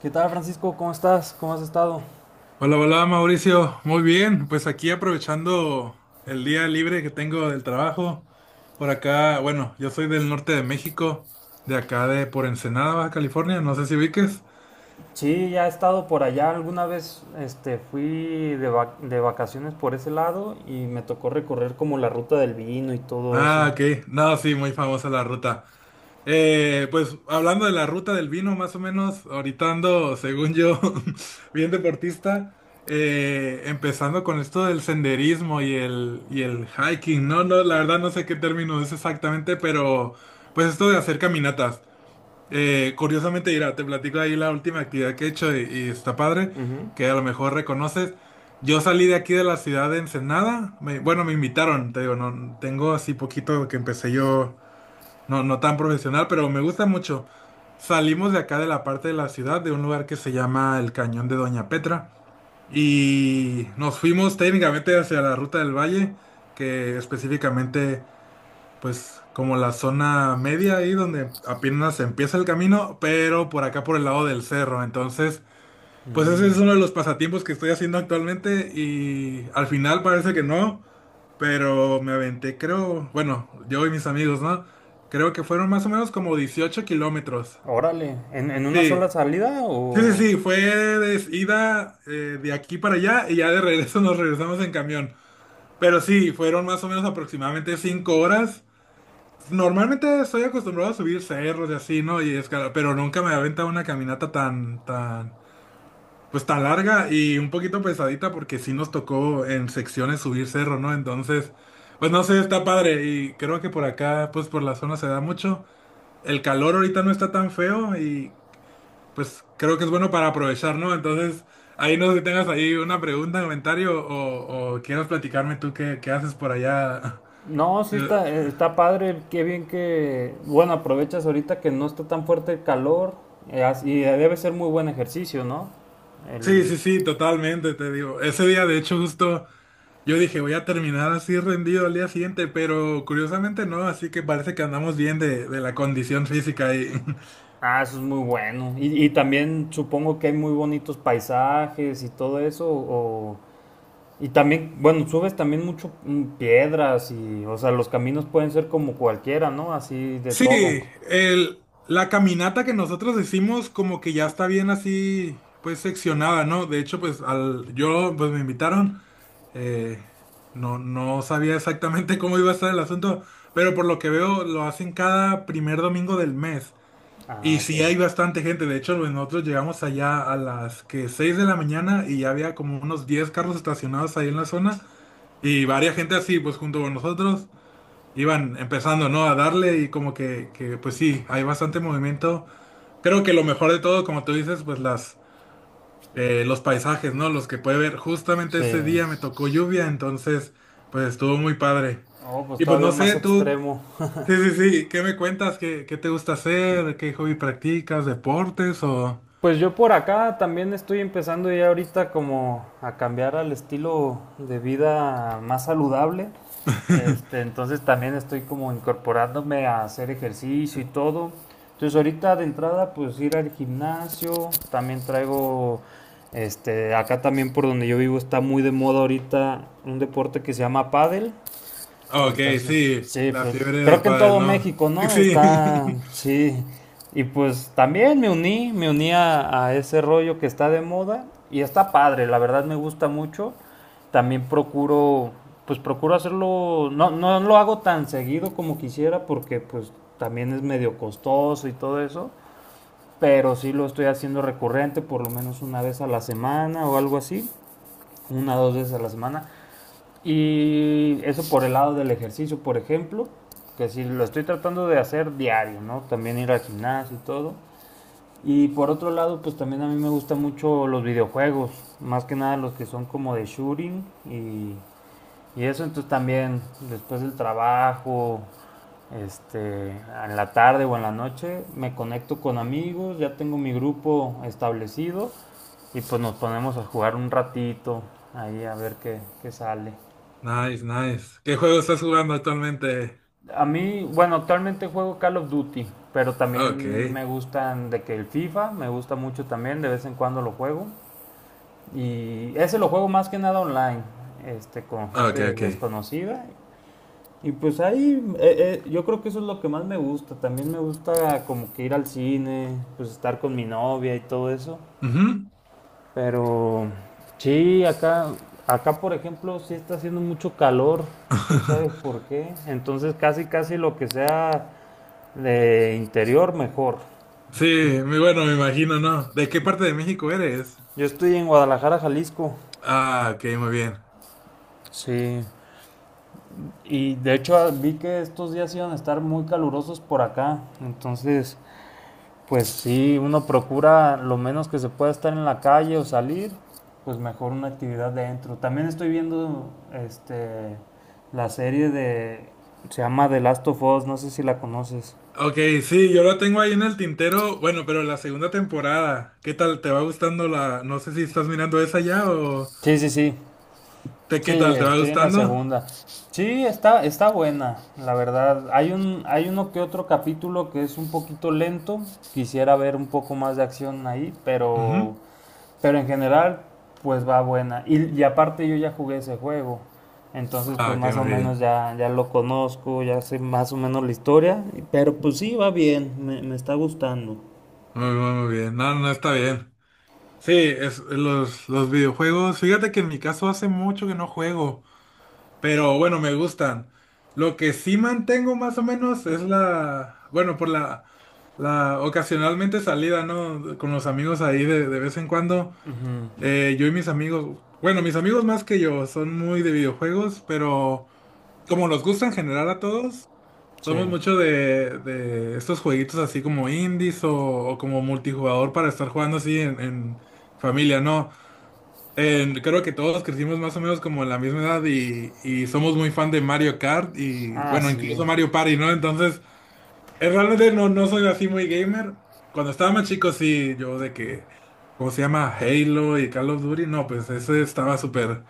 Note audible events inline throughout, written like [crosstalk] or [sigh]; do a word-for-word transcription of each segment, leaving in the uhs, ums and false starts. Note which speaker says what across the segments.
Speaker 1: ¿Qué tal, Francisco? ¿Cómo estás? ¿Cómo has estado?
Speaker 2: Hola, hola Mauricio, muy bien, pues aquí aprovechando el día libre que tengo del trabajo, por acá, bueno, yo soy del norte de México, de acá de por Ensenada, Baja California, no sé si ubiques.
Speaker 1: Sí, ya he estado por allá. Alguna vez este, fui de, vac- de vacaciones por ese lado y me tocó recorrer como la ruta del vino y todo
Speaker 2: Ah,
Speaker 1: eso.
Speaker 2: ok, no, sí, muy famosa la ruta. Eh, pues hablando de la ruta del vino, más o menos, ahorita ando, según yo, [laughs] bien deportista, eh, empezando con esto del senderismo y el, y el hiking, ¿no? No, la verdad no sé qué término es exactamente, pero pues esto de hacer caminatas. Eh, curiosamente, mira, te platico ahí la última actividad que he hecho y, y está padre,
Speaker 1: Ujú.
Speaker 2: que a lo mejor reconoces. Yo salí de aquí de la ciudad de Ensenada, me- bueno, me invitaron, te digo, no, tengo así poquito que empecé yo no, no tan profesional, pero me gusta mucho. Salimos de acá de la parte de la ciudad, de un lugar que se llama el Cañón de Doña Petra, y nos fuimos técnicamente hacia la Ruta del Valle, que específicamente, pues, como la zona media ahí donde apenas empieza el camino, pero por acá por el lado del cerro. Entonces, pues ese
Speaker 1: Mm.
Speaker 2: es uno de los pasatiempos que estoy haciendo actualmente y al final parece que no. Pero me aventé, creo, bueno, yo y mis amigos, ¿no? Creo que fueron más o menos como 18 kilómetros.
Speaker 1: Órale, ¿en, en una
Speaker 2: Sí,
Speaker 1: sola salida
Speaker 2: sí, sí,
Speaker 1: o...?
Speaker 2: sí, fue de ida, eh, de aquí para allá, y ya de regreso nos regresamos en camión. Pero sí, fueron más o menos aproximadamente cinco horas. Normalmente estoy acostumbrado a subir cerros y así, ¿no? Y escalar, pero nunca me había aventado una caminata tan, tan, pues tan larga y un poquito pesadita porque sí nos tocó en secciones subir cerro, ¿no? Entonces, pues no sé, está padre y creo que por acá, pues por la zona se da mucho. El calor ahorita no está tan feo y pues creo que es bueno para aprovechar, ¿no? Entonces, ahí no sé si tengas ahí una pregunta, comentario o, o quieras platicarme tú qué, qué haces por allá.
Speaker 1: No, sí está,
Speaker 2: [laughs]
Speaker 1: eh, está padre, qué bien que... Bueno, aprovechas ahorita que no está tan fuerte el calor eh, as- y debe ser muy buen ejercicio, ¿no?
Speaker 2: Sí,
Speaker 1: El...
Speaker 2: sí, sí, totalmente, te digo. Ese día, de hecho, justo yo dije, voy a terminar así rendido al día siguiente, pero curiosamente no, así que parece que andamos bien de, de la condición física. Y... [laughs]
Speaker 1: Ah, eso es muy bueno. Y, y también supongo que hay muy bonitos paisajes y todo eso. O, y también, bueno, subes también mucho mm, piedras y, o sea, los caminos pueden ser como cualquiera, ¿no? Así de todo.
Speaker 2: Sí, el, la caminata que nosotros hicimos como que ya está bien así, pues seccionada, ¿no? De hecho, pues al, yo, pues me invitaron, eh, no, no sabía exactamente [laughs] cómo iba a estar el asunto, pero por lo que veo lo hacen cada primer domingo del mes.
Speaker 1: Ah,
Speaker 2: Y
Speaker 1: ok.
Speaker 2: sí hay bastante gente, de hecho pues, nosotros llegamos allá a las que seis de la mañana y ya había como unos diez carros estacionados ahí en la zona y varias gente así pues junto con nosotros iban empezando, ¿no? A darle y como que, que pues sí, hay bastante movimiento. Creo que lo mejor de todo, como tú dices, pues las, eh, los paisajes, ¿no? Los que puede ver. Justamente
Speaker 1: Sí.
Speaker 2: ese día me tocó lluvia, entonces pues estuvo muy padre.
Speaker 1: Oh, pues
Speaker 2: Y pues
Speaker 1: todavía
Speaker 2: no
Speaker 1: más
Speaker 2: sé, tú...
Speaker 1: extremo.
Speaker 2: Sí, sí, sí. ¿Qué me cuentas? ¿Qué, qué te gusta hacer? ¿Qué hobby practicas? ¿Deportes o...?
Speaker 1: Pues yo por acá también estoy empezando ya ahorita como a cambiar al estilo de vida más saludable. Este, entonces también estoy como incorporándome a hacer ejercicio y todo. Entonces ahorita de entrada pues ir al gimnasio, también traigo este acá también por donde yo vivo está muy de moda ahorita un deporte que se llama pádel.
Speaker 2: Ok,
Speaker 1: Entonces,
Speaker 2: sí,
Speaker 1: sí,
Speaker 2: la
Speaker 1: pues
Speaker 2: fiebre de
Speaker 1: creo que en
Speaker 2: pádel,
Speaker 1: todo
Speaker 2: ¿no?
Speaker 1: México,
Speaker 2: [laughs]
Speaker 1: ¿no?
Speaker 2: Sí.
Speaker 1: Está, sí. Y pues también me uní, me uní a, a ese rollo que está de moda y está padre, la verdad me gusta mucho. También procuro, pues procuro hacerlo, no, no lo hago tan seguido como quisiera porque pues también es medio costoso y todo eso, pero sí lo estoy haciendo recurrente, por lo menos una vez a la semana o algo así, una o dos veces a la semana. Y eso por el lado del ejercicio, por ejemplo, que si lo estoy tratando de hacer diario, ¿no? También ir al gimnasio y todo. Y por otro lado, pues también a mí me gustan mucho los videojuegos, más que nada los que son como de shooting y, y eso, entonces también después del trabajo, este, en la tarde o en la noche, me conecto con amigos, ya tengo mi grupo establecido y pues nos ponemos a jugar un ratito ahí a ver qué, qué sale.
Speaker 2: Nice, nice. ¿Qué juego estás jugando actualmente?
Speaker 1: A mí, bueno, actualmente juego Call of Duty, pero
Speaker 2: Ok,
Speaker 1: también me gustan de que el FIFA, me gusta mucho también, de vez en cuando lo juego. Y ese lo juego más que nada online, este, con
Speaker 2: ok,
Speaker 1: gente
Speaker 2: ok.
Speaker 1: desconocida. Y pues ahí, eh, eh, yo creo que eso es lo que más me gusta. También me gusta como que ir al cine, pues estar con mi novia y todo eso.
Speaker 2: Ujú.
Speaker 1: Pero sí, acá, acá por ejemplo, sí está haciendo mucho calor, quién sabe
Speaker 2: [laughs]
Speaker 1: por qué. Entonces casi, casi lo que sea de interior mejor.
Speaker 2: Sí, muy bueno, me imagino, ¿no? ¿De qué parte de México eres?
Speaker 1: Yo estoy en Guadalajara, Jalisco.
Speaker 2: Ah, ok, muy bien.
Speaker 1: Sí. Y de hecho vi que estos días iban a estar muy calurosos por acá. Entonces, pues sí, uno procura lo menos que se pueda estar en la calle o salir, pues mejor una actividad dentro. También estoy viendo este la serie de se llama The Last of Us, no sé si la conoces.
Speaker 2: Ok, sí, yo lo tengo ahí en el tintero, bueno, pero la segunda temporada, ¿qué tal? ¿Te va gustando la... No sé si estás mirando esa ya o...
Speaker 1: Sí, sí, sí.
Speaker 2: ¿Te,
Speaker 1: Sí,
Speaker 2: ¿qué tal? ¿Te va
Speaker 1: estoy en la
Speaker 2: gustando?
Speaker 1: segunda. Sí, está, está buena, la verdad. Hay un, hay uno que otro capítulo que es un poquito lento. Quisiera ver un poco más de acción ahí, pero,
Speaker 2: Ujú.
Speaker 1: pero en general, pues va buena. Y, y aparte yo ya jugué ese juego. Entonces,
Speaker 2: Ah,
Speaker 1: pues
Speaker 2: ok,
Speaker 1: más o
Speaker 2: muy
Speaker 1: menos
Speaker 2: bien.
Speaker 1: ya, ya lo conozco, ya sé más o menos la historia. Pero pues sí, va bien, me, me está gustando.
Speaker 2: Muy, muy, muy bien. No, no está bien. Sí, es, los, los videojuegos. Fíjate que en mi caso hace mucho que no juego, pero bueno, me gustan. Lo que sí mantengo más o menos es la, bueno, por la, la ocasionalmente salida, ¿no? Con los amigos ahí de, de vez en cuando.
Speaker 1: Ujú.
Speaker 2: Eh, yo y mis amigos, bueno, mis amigos más que yo son muy de videojuegos, pero como nos gusta en general a todos,
Speaker 1: Sí.
Speaker 2: somos mucho de, de estos jueguitos así como indies o, o como multijugador para estar jugando así en en familia, ¿no? Eh, creo que todos crecimos más o menos como en la misma edad y, y somos muy fan de Mario Kart y
Speaker 1: Ah,
Speaker 2: bueno,
Speaker 1: sí.
Speaker 2: incluso Mario Party, ¿no? Entonces, eh, realmente no, no soy así muy gamer. Cuando estaba más chico, sí, yo de que, ¿cómo se llama? Halo y Call of Duty, no, pues ese estaba súper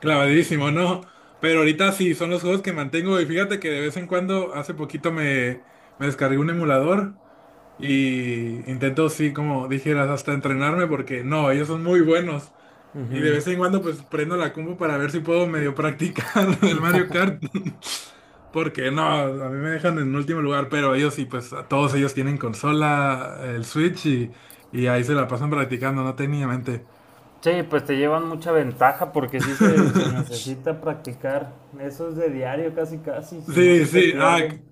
Speaker 2: clavadísimo, ¿no? Pero ahorita sí, son los juegos que mantengo y fíjate que de vez en cuando, hace poquito me, me descargué un emulador y intento, sí, como dijeras, hasta entrenarme porque no, ellos son muy buenos. Y de
Speaker 1: Ujú.
Speaker 2: vez en cuando pues prendo la compu para ver si puedo medio practicar [laughs] el Mario Kart. Porque no, a mí me dejan en último lugar, pero ellos sí, pues a todos ellos tienen consola, el Switch y, y ahí se la pasan practicando, no técnicamente.
Speaker 1: Sí, pues te llevan mucha ventaja porque sí se, se necesita practicar. Eso es de diario casi casi, si no se,
Speaker 2: Sí,
Speaker 1: se
Speaker 2: sí, ah,
Speaker 1: pierde.
Speaker 2: c-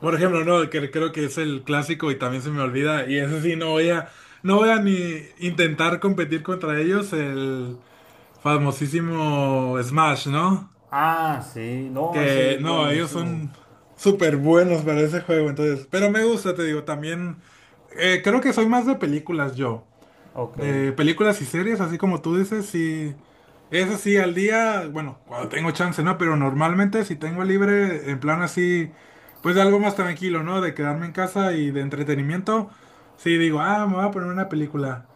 Speaker 2: por ejemplo, no, que creo que es el clásico y también se me olvida. Y eso sí, no voy a, no voy a ni intentar competir contra ellos, el famosísimo Smash, ¿no?
Speaker 1: Ah, sí, no, eso
Speaker 2: Que
Speaker 1: es
Speaker 2: no, ellos
Speaker 1: buenísimo.
Speaker 2: son súper buenos para ese juego, entonces. Pero me gusta, te digo, también. eh, creo que soy más de películas yo.
Speaker 1: Ok.
Speaker 2: De películas y series, así como tú dices, sí. Eso sí, al día, bueno, cuando tengo chance, ¿no? Pero normalmente si tengo libre, en plan así, pues de algo más tranquilo, ¿no? De quedarme en casa y de entretenimiento, sí digo, ah, me voy a poner una película.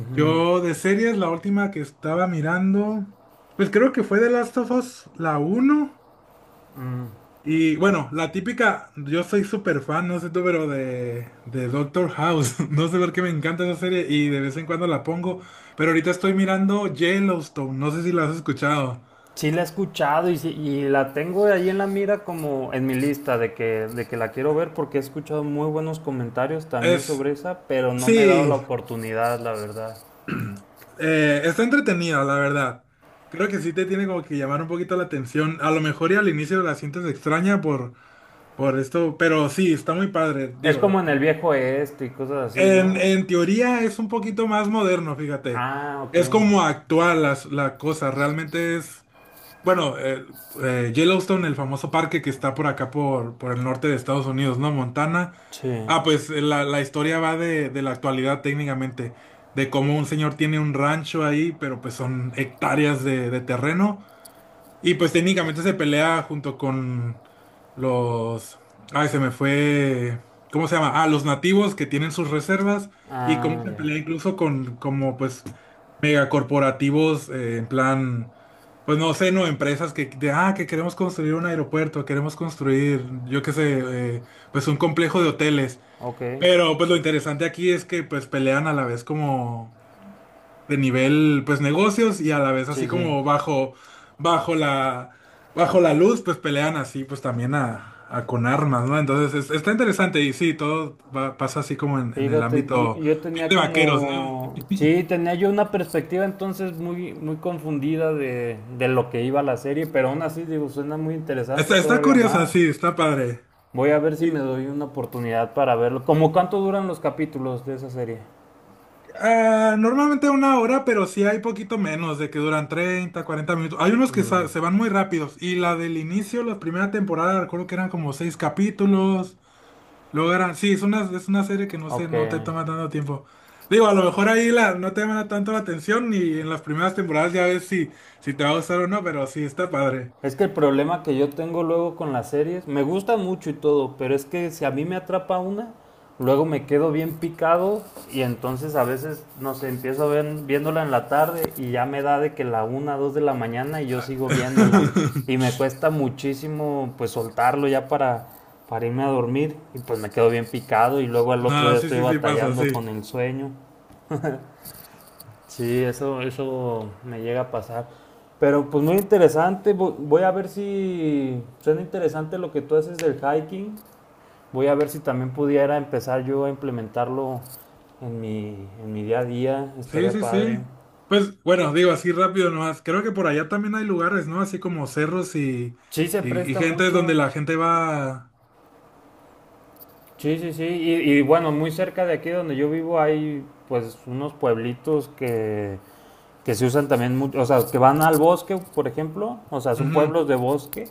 Speaker 1: Ujú.
Speaker 2: Yo de series, la última que estaba mirando, pues creo que fue The Last of Us, la uno
Speaker 1: Mm.
Speaker 2: y bueno, la típica, yo soy súper fan, no sé tú, pero de, de Doctor House. [laughs] No sé por qué me encanta esa serie y de vez en cuando la pongo. Pero ahorita estoy mirando Yellowstone, no sé si la has escuchado.
Speaker 1: Sí la he escuchado y, sí- y la tengo ahí en la mira como en mi lista de que, de que la quiero ver porque he escuchado muy buenos comentarios también
Speaker 2: Es,
Speaker 1: sobre esa, pero no me he dado la
Speaker 2: sí,
Speaker 1: oportunidad, la verdad.
Speaker 2: eh, está entretenida, la verdad. Creo que sí te tiene como que llamar un poquito la atención. A lo mejor y al inicio la sientes extraña por, por esto, pero sí, está muy padre.
Speaker 1: Es
Speaker 2: Digo,
Speaker 1: como en el viejo este y cosas así,
Speaker 2: En,
Speaker 1: ¿no?
Speaker 2: en teoría es un poquito más moderno, fíjate.
Speaker 1: Ah, ok.
Speaker 2: Es como actual las- la, cosa. Realmente es, bueno, eh, eh, Yellowstone, el famoso parque que está por acá, por, por el norte de Estados Unidos, ¿no? Montana.
Speaker 1: Sí.
Speaker 2: Ah, pues eh, la, la historia va de, de la actualidad técnicamente, de cómo un señor tiene un rancho ahí, pero pues son hectáreas de, de terreno. Y pues técnicamente se pelea junto con los... Ay, se me fue... ¿Cómo se llama? Ah, los nativos que tienen sus reservas y cómo
Speaker 1: Ah,
Speaker 2: se
Speaker 1: ya.
Speaker 2: pelea incluso con como pues megacorporativos, eh, en plan... Pues no sé, no, empresas que, de, ah, que queremos construir un aeropuerto, queremos construir, yo qué sé, eh, pues un complejo de hoteles.
Speaker 1: Ok,
Speaker 2: Pero pues lo interesante aquí es que pues pelean a la vez como de nivel, pues negocios, y a la vez
Speaker 1: sí,
Speaker 2: así
Speaker 1: sí.
Speaker 2: como bajo, bajo la, bajo la luz, pues pelean así, pues también a, a con armas, ¿no? Entonces es- está interesante y sí, todo va- pasa así como en, en el
Speaker 1: Fíjate, yo,
Speaker 2: ámbito
Speaker 1: yo tenía
Speaker 2: de vaqueros, ¿no?
Speaker 1: como, sí, tenía yo una perspectiva entonces muy, muy confundida de, de lo que iba la serie, pero aún así digo, suena muy interesante
Speaker 2: Está, está
Speaker 1: todavía
Speaker 2: curiosa,
Speaker 1: más.
Speaker 2: sí, está padre.
Speaker 1: Voy a ver si me
Speaker 2: Y,
Speaker 1: doy una oportunidad para verlo. ¿Cómo cuánto duran los capítulos de esa serie?
Speaker 2: ah, normalmente una hora, pero sí hay poquito menos, de que duran treinta cuarenta minutos. Hay unos que
Speaker 1: Mm,
Speaker 2: sa- se van muy rápidos. Y la del inicio, la primera temporada, recuerdo que eran como seis capítulos. Luego era, sí, es una, es una, serie que no sé,
Speaker 1: ok.
Speaker 2: no te toma tanto tiempo. Digo, a lo mejor ahí la, no te llama tanto la atención y en las primeras temporadas ya ves si, si te va a gustar o no, pero sí, está padre.
Speaker 1: Es que el problema que yo tengo luego con las series, me gusta mucho y todo, pero es que si a mí me atrapa una, luego me quedo bien picado y entonces a veces, no sé, empiezo ven- viéndola en la tarde y ya me da de que la una, dos de la mañana y yo sigo viéndola. Y
Speaker 2: [laughs]
Speaker 1: me cuesta muchísimo pues soltarlo ya para, para irme a dormir y pues me quedo bien picado y luego al otro
Speaker 2: No,
Speaker 1: día
Speaker 2: sí,
Speaker 1: estoy
Speaker 2: sí, sí, pasa,
Speaker 1: batallando con
Speaker 2: sí.
Speaker 1: el sueño. Sí, eso, eso me llega a pasar. Pero pues muy interesante, vo- voy a ver si suena interesante lo que tú haces del hiking. Voy a ver si también pudiera empezar yo a implementarlo en mi, en mi día a día,
Speaker 2: Sí,
Speaker 1: estaría
Speaker 2: sí,
Speaker 1: padre.
Speaker 2: sí. Pues bueno, digo así rápido nomás. Creo que por allá también hay lugares, ¿no? Así como cerros y,
Speaker 1: Sí, se
Speaker 2: y, y
Speaker 1: presta
Speaker 2: gente donde
Speaker 1: mucho.
Speaker 2: la gente va.
Speaker 1: Sí, sí, sí. Y, y bueno, muy cerca de aquí donde yo vivo hay pues unos pueblitos que que se usan también mucho, o sea, que van al bosque, por ejemplo, o sea, son
Speaker 2: Ujú.
Speaker 1: pueblos de bosque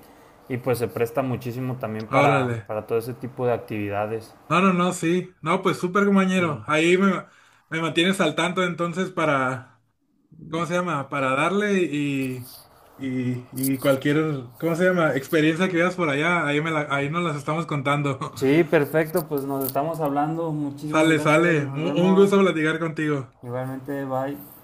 Speaker 1: y pues se presta muchísimo también para,
Speaker 2: Órale.
Speaker 1: para todo ese tipo de actividades.
Speaker 2: No, no, no, sí. No, pues súper
Speaker 1: Sí.
Speaker 2: compañero. Ahí me, me, mantienes al tanto entonces para. ¿Cómo se llama? Para darle y, y, y cualquier, ¿cómo se llama? Experiencia que veas por allá, ahí, me la- ahí nos las estamos contando. [laughs]
Speaker 1: Sí, perfecto, pues nos estamos hablando, muchísimas
Speaker 2: Sale,
Speaker 1: gracias,
Speaker 2: sale.
Speaker 1: nos
Speaker 2: Mu- Un
Speaker 1: vemos,
Speaker 2: gusto platicar contigo.
Speaker 1: igualmente, bye.